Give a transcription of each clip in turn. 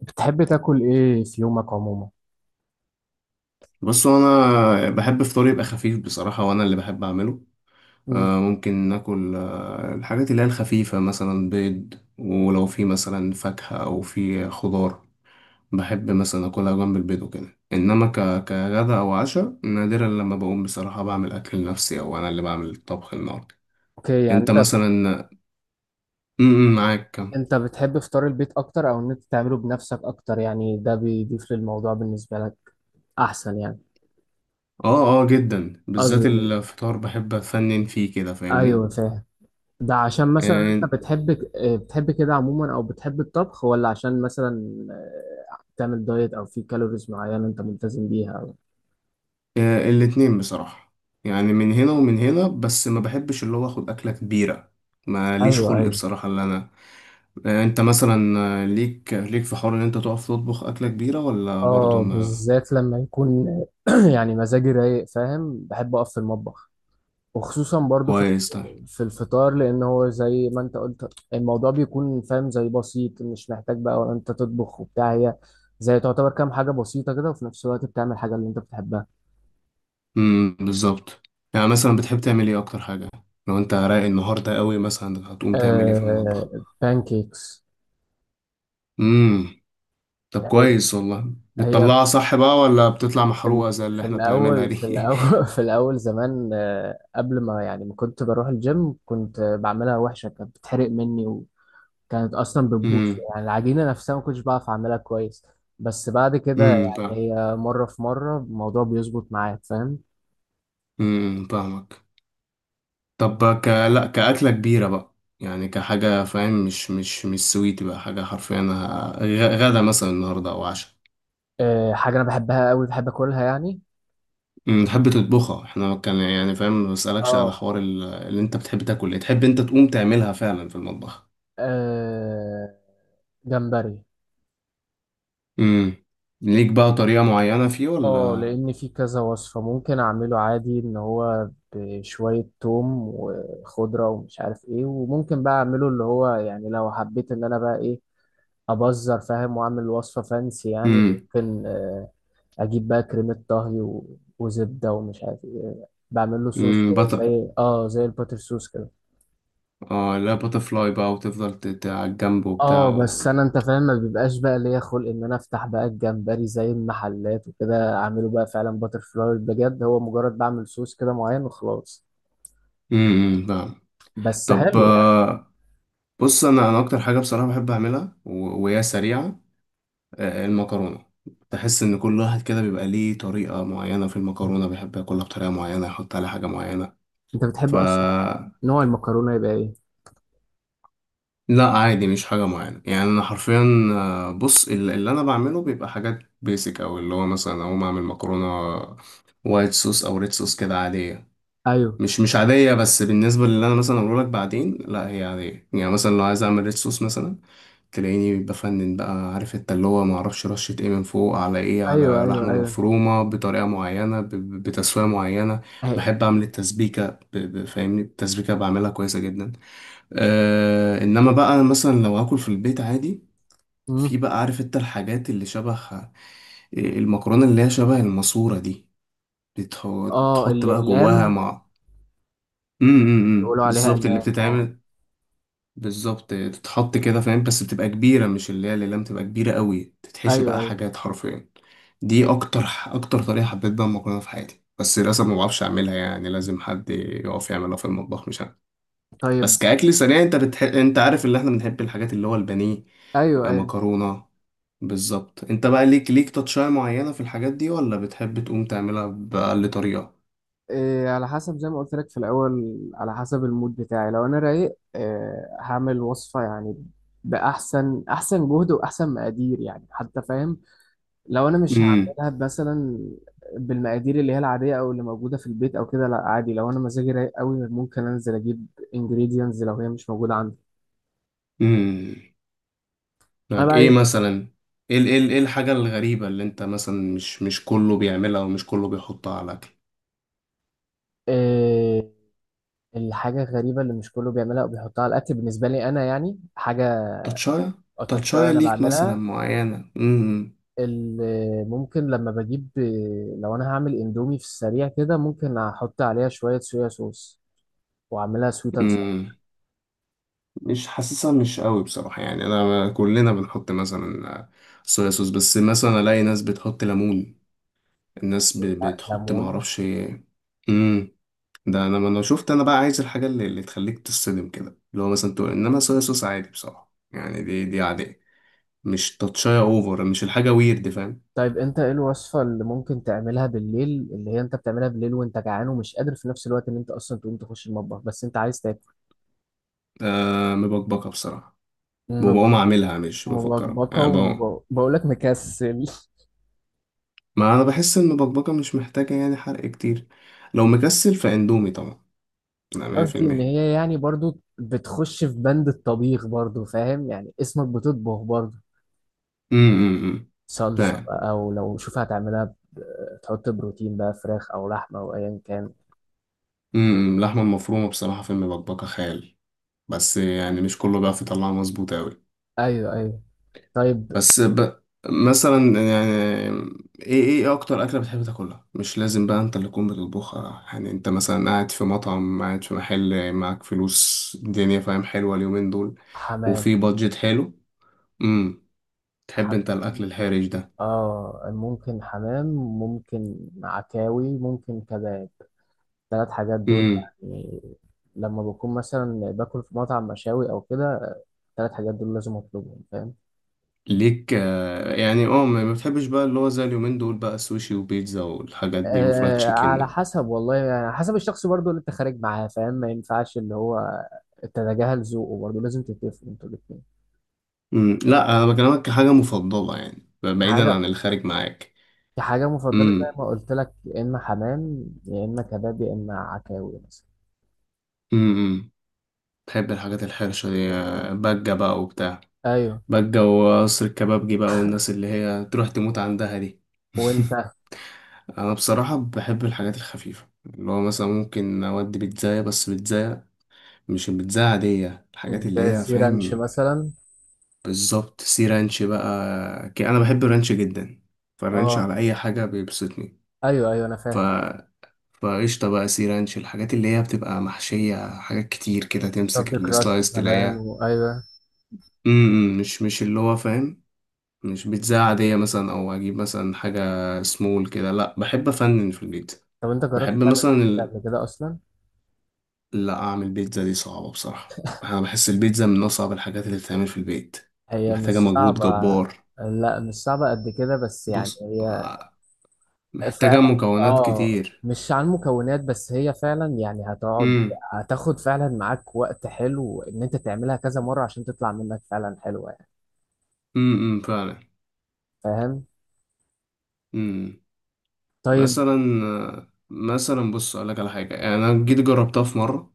بتحب تاكل ايه في يومك عموما؟ بص، انا بحب فطوري يبقى خفيف بصراحه، وانا اللي بحب اعمله. مم. ممكن ناكل الحاجات اللي هي الخفيفه، مثلا بيض، ولو في مثلا فاكهه او في خضار بحب مثلا اكلها جنب البيض وكده. انما كغدا او عشاء، نادرا لما بقوم بصراحه بعمل اكل لنفسي او انا اللي بعمل الطبخ النهارده. اوكي يعني انت انت مثلا، م- م، معاك كم؟ انت بتحب فطار البيت اكتر او ان انت تعمله بنفسك اكتر؟ يعني ده بيضيف للموضوع بالنسبه لك احسن يعني؟ اه اه، جدا، بالذات قصدي، الفطار بحب افنن فيه كده، ايوه فاهمني؟ فاهم. ده عشان مثلا آه، انت بتحب بتحب كده عموما او بتحب الطبخ، ولا عشان مثلا آه، تعمل دايت او في كالوريز معينه انت ملتزم بيها او؟ آه، الاتنين بصراحة. يعني من هنا ومن هنا، بس ما بحبش اللي هو اخد أكلة كبيرة. ماليش ايوه خلق ايوه. بصراحة اللي أنا... أنت مثلا، ليك في حوار إن أنت تقف تطبخ أكلة كبيرة ولا برضه اه ما؟ بالذات لما يكون يعني مزاجي رايق، فاهم؟ بحب اقف في المطبخ، وخصوصا برضو في كويس، طيب. في الفطار، لان هو زي ما انت قلت الموضوع بيكون فاهم زي بسيط، مش محتاج بقى ولا انت تطبخ وبتاع. هي زي تعتبر كام حاجة بسيطة كده، وفي نفس الوقت بتعمل حاجة اللي انت بتحبها. امم، بالظبط. يعني مثلا بتحب تعمل إيه أكتر حاجة؟ لو أنت رايق النهاردة قوي، مثلا هتقوم تعمل إيه في المطبخ؟ آه، بانكيكس. امم. طب هي كويس، والله هي بتطلعها صح بقى ولا بتطلع في محروقة زي اللي في إحنا بنعملها الأول في دي؟ الأول في الأول زمان قبل ما يعني ما كنت بروح الجيم كنت بعملها وحشة، كانت بتحرق مني، كانت اصلا بتبوظ. امم، يعني العجينه نفسها ما كنتش بعرف اعملها كويس. بس بعد كده امم، فاهم. يعني هي مره في مره الموضوع بيظبط معاك، فاهم؟ امم، فاهمك. طب لا، كأكلة كبيرة بقى، يعني كحاجة، فاهم؟ مش سويتي بقى حاجة حرفيا، غدا مثلا النهاردة أو عشاء. أه، حاجه انا بحبها قوي بحب اكلها يعني أمم، تحب تطبخها؟ احنا كان يعني، فاهم، ما بسألكش على اه، حوار اللي انت بتحب تاكل ايه، تحب انت تقوم تعملها فعلا في المطبخ. آه، جمبري. امم. ليك بقى طريقة معينة فيه اه، ولا؟ لان في كذا وصفه، ممكن اعمله عادي ان هو بشويه توم وخضره ومش عارف ايه، وممكن بقى اعمله اللي هو يعني لو حبيت ان انا بقى ايه، ابزر فاهم، واعمل وصفه فانسي يعني. امم، ممكن اجيب بقى كريمه طهي وزبده ومش عارف ايه، بعمل له صوص امم، كده بطل. زي اه زي الباتر صوص كده. اه، لا، باتر فلاي بقى وتفضل على الجنب وبتاع اه و... بس انا، انت فاهم، ما بيبقاش بقى ليا خلق ان انا افتح بقى الجمبري زي المحلات وكده اعمله بقى فعلا باتر فلاي بجد. هو مجرد بعمل صوص كده معين وخلاص. امم، أمم، فاهم. بس طب حلو يعني. بص، انا اكتر حاجة بصراحة بحب اعملها، و... وهي سريعة، المكرونة. تحس إن كل واحد كده بيبقى ليه طريقة معينة في المكرونة، بيحب ياكلها بطريقة معينة، يحط عليها حاجة معينة. انت ف بتحب اصلا نوع المكرونه يبقى ايه؟ لا عادي، مش حاجة معينة، يعني أنا حرفيا بص، اللي أنا بعمله بيبقى حاجات بيسك، أو اللي هو مثلا أقوم أعمل مكرونة وايت صوص أو ريد صوص كده عادية. ايوه مش عادية، بس بالنسبة للي أنا مثلا أقوله لك بعدين لا هي عادية. يعني مثلا لو عايز أعمل ريد صوص مثلا، تلاقيني بفنن بقى، عارف انت، اللي هو معرفش رشة ايه من فوق على ايه، ايوه على ايوه. لحمة ايوه. مفرومة بطريقة معينة، بتسوية معينة. أهي. بحب اعمل التسبيكة، فاهمني، التسبيكة بعملها كويسة جدا. آه، انما بقى مثلا لو هاكل في البيت عادي، مم. في بقى، عارف انت، الحاجات اللي شبه المكرونة اللي هي شبه الماسورة دي، اه، بتحط بقى جواها الاقلام. مع... امم، يقولوا عليها بالظبط، اللي اقلام. اه. بتتعمل. بالظبط، تتحط كده، فاهم؟ بس بتبقى كبيرة، مش اللي هي الأقلام، تبقى كبيرة قوي، تتحشي ايوه بقى ايوه. حاجات حرفيا. دي أكتر أكتر طريقة حبيت بقى المكرونة في حياتي، بس للأسف ما بعرفش أعملها، يعني لازم حد يقف يعملها في المطبخ مش أنا. طيب. بس كأكل سريع، أنت أنت عارف اللي إحنا بنحب الحاجات اللي هو البانيه، ايوه ايوه. مكرونة. بالظبط. أنت بقى ليك تاتشاية معينة في الحاجات دي ولا بتحب تقوم تعملها بأقل طريقة؟ إيه، على حسب زي ما قلت لك في الأول، على حسب المود بتاعي. لو أنا رايق، إيه، هعمل وصفة يعني بأحسن جهد وأحسن مقادير يعني حتى، فاهم؟ لو أنا مش امم، هعملها مثلا بالمقادير اللي هي العادية أو اللي موجودة في البيت أو كده، لا عادي. لو أنا مزاجي رايق قوي ممكن أنزل أجيب ingredients لو هي مش موجودة عندي. امم. أنا معاك بقى ايه عايز مثلا؟ ايه الحاجة الغريبة اللي انت مثلا مش كله بيعملها ومش كله بيحطها على الاكل؟ إيه الحاجة الغريبة اللي مش كله بيعملها أو بيحطها على الأكل؟ بالنسبة لي أنا يعني حاجة تاتشاية. أتاتشاي تاتشاية أنا ليك مثلا بعملها. معينة؟ امم. ممكن لما بجيب، لو انا هعمل اندومي في السريع كده، ممكن احط عليها شوية صويا صوص واعملها سويت اند ساور. امم، مش حاسسها مش قوي بصراحة. يعني انا كلنا بنحط مثلا صويا صوص، بس مثلا الاقي ناس بتحط ليمون، الناس بتحط ليمون. معرفش. امم. ده انا، ما انا شفت، انا بقى عايز الحاجة اللي تخليك تصدم كده، اللي هو مثلا تقول، انما صويا صوص عادي بصراحة، يعني دي عادية. مش تاتشاية اوفر، مش الحاجة ويرد، فاهم؟ طيب انت ايه الوصفة اللي ممكن تعملها بالليل، اللي هي انت بتعملها بالليل وانت جعان ومش قادر في نفس الوقت ان انت اصلا تقوم تخش المطبخ، بس انت عايز تاكل؟ آه، مبكبكة بصراحة، وبقوم مب- اعملها مش بفكرها، ملخبطة، يعني بقوم... وبقول لك مكسل. ما انا بحس ان المبكبكة مش محتاجة يعني حرق كتير. لو مكسل فاندومي طبعا، لا، مية في قصدي ان المية. هي يعني برضو بتخش في بند الطبيخ برضو، فاهم؟ يعني اسمك بتطبخ برضو. امم، صلصة فاهم. بقى، أو لو شوف هتعملها، تحط بروتين بقى، فراخ أو لحمة أو أيا كان. امم، اللحمة المفرومة بصراحة في المبكبكة خيال، بس يعني مش كله بيعرف يطلعها مظبوط اوي. أيوه أيوه. طيب. بس مثلا، يعني ايه اكتر اكله بتحب تاكلها، مش لازم بقى انت اللي تكون بتطبخها، يعني انت مثلا قاعد في مطعم، قاعد في محل، معاك فلوس الدنيا، فاهم، حلوه اليومين دول، حمام. وفي بادجت حلو. امم. تحب ح... انت الاكل الحرج ده؟ آه، ممكن حمام، ممكن عكاوي، ممكن كباب. الثلاث حاجات دول امم. يعني لما بكون مثلا باكل في مطعم مشاوي أو كده الثلاث حاجات دول لازم أطلبهم، فاهم؟ ليك يعني، اه، ما بتحبش بقى اللي هو زي اليومين دول بقى، سوشي وبيتزا والحاجات دي وفرايد آه، على تشيكن؟ حسب والله، يعني على حسب الشخص برضو اللي أنت خارج معاه، فاهم؟ ما ينفعش اللي هو تتجاهل ذوقه برضه، لازم تتفقوا انتوا الاتنين. امم. لا، انا بكلمك كحاجه مفضله، يعني بعيدا عن حاجة الخارج معاك. كحاجة مفضلة زي امم، ما قلت لك، يا إما حمام يا إما كباب يا إما عكاوي مثلا. امم، امم. بحب الحاجات الحرشة دي، بجة بقى وبتاع، أيوه. بجة وقصر الكبابجي بقى، والناس اللي هي تروح تموت عندها دي. وأنت؟ أنا بصراحة بحب الحاجات الخفيفة، اللي هو مثلا ممكن أودي بيتزاية، بس بيتزاية، مش البيتزاية عادية، الحاجات زي اللي هي، سي رانش فاهم؟ مثلا. بالظبط، سي رانش بقى. أنا بحب الرانش جدا، فالرانش أه. على أي حاجة بيبسطني. أيوه أيوه، أنا ف فاهم. فقشطة بقى، سي رانش الحاجات اللي هي بتبقى محشية حاجات كتير كده، رفض تمسك كراست السلايس كمان، تلاقيها... وأيوه. م- م، مش اللي هو، فاهم؟ مش بيتزا عادية مثلا، أو أجيب مثلا حاجة سمول كده، لأ بحب أفنن في البيتزا. طب أنت جربت بحب تعمل مثلا كيكة ال- قبل كده أصلا؟ لأ، أعمل بيتزا دي صعبة بصراحة، أنا بحس البيتزا من أصعب الحاجات اللي بتتعمل في البيت. هي مش محتاجة مجهود صعبة. جبار. لا، مش صعبة قد كده، بس يعني بص، هي محتاجة فعلا مكونات أه، كتير. مش عن المكونات بس، هي فعلا يعني هتقعد، أمم، هتاخد فعلا معاك وقت حلو إن أنت تعملها كذا مرة عشان تطلع منك فعلا حلوة يعني. أمم، أمم، فعلا. فاهم؟ أمم. طيب. مثلا مثلا بص أقولك على حاجة. يعني أنا جيت جربتها في مرة،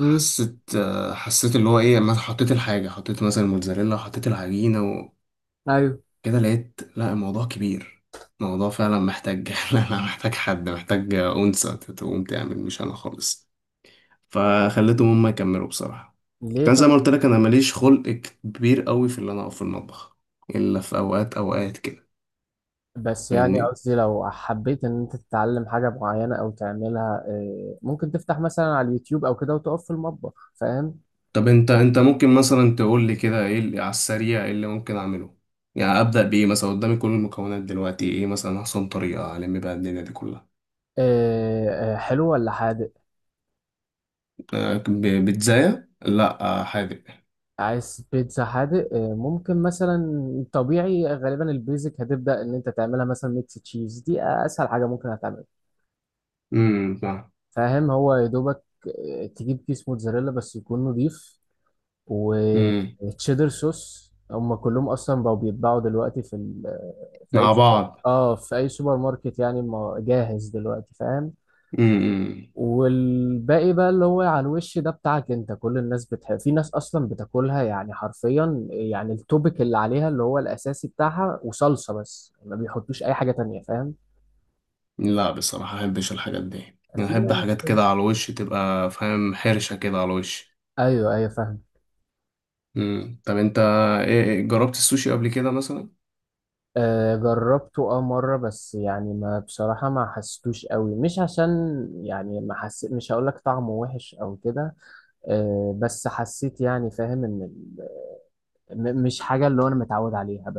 امم. آه، حسيت اللي هو ايه، لما حطيت الحاجه، حطيت مثلا الموتزاريلا، حطيت العجينه ايوه. كده، لقيت لا الموضوع كبير. الموضوع فعلا محتاج... لا لا، محتاج حد، محتاج أنثى تقوم تعمل، مش أنا خالص. فخليتهم هما يكملوا بصراحة. ليه كان زي طب؟ ما قلت لك، أنا ماليش خلق كبير قوي في اللي أنا أقف في المطبخ، إلا في أوقات أوقات كده. بس يعني فاهمني. قصدي، لو حبيت ان انت تتعلم حاجه معينه او تعملها ممكن تفتح مثلا على اليوتيوب او كده وتقف في المطبخ، فاهم؟ طب أنت ممكن مثلا تقول لي كده إيه اللي على السريع، إيه اللي ممكن أعمله؟ يعني أبدأ بإيه مثلا قدامي كل المكونات دلوقتي؟ إيه مثلا أحسن طريقة ألم بيها الدنيا دي كلها؟ حلو ولا حادق؟ بيتزاية؟ لأ، حادق. عايز بيتزا حادق ممكن مثلا. طبيعي غالبا البيزك هتبدا ان انت تعملها مثلا ميكس تشيز، دي اسهل حاجه ممكن هتعملها، امم، فاهم. فاهم؟ هو يا دوبك تجيب كيس موتزاريلا بس يكون نضيف، امم. وتشيدر صوص. هم كلهم اصلا بقوا بيتباعوا دلوقتي في ال... في اي مع سوبر بعض. اه في اي سوبر ماركت يعني، جاهز دلوقتي، فاهم؟ امم، والباقي بقى اللي هو على الوش ده بتاعك انت. كل الناس بتحب. في ناس اصلا بتاكلها يعني حرفيا يعني التوبيك اللي عليها اللي هو الاساسي بتاعها وصلصة بس، ما بيحطوش اي حاجة تانية، فاهم؟ لا بصراحة أحبش الحاجات دي، أنا في أحب ناس حاجات كده. كده على الوش تبقى، فاهم، حرشة كده على الوش. ايوه ايوه فاهم. امم، طب أنت، إيه إيه، جربت السوشي قبل كده مثلا؟ جربته اه مرة، بس يعني ما بصراحة ما حسيتوش قوي. مش عشان يعني، ما حسيت، مش هقول لك طعمه وحش او كده، بس حسيت يعني فاهم ان مش حاجة اللي هو انا متعود عليها بس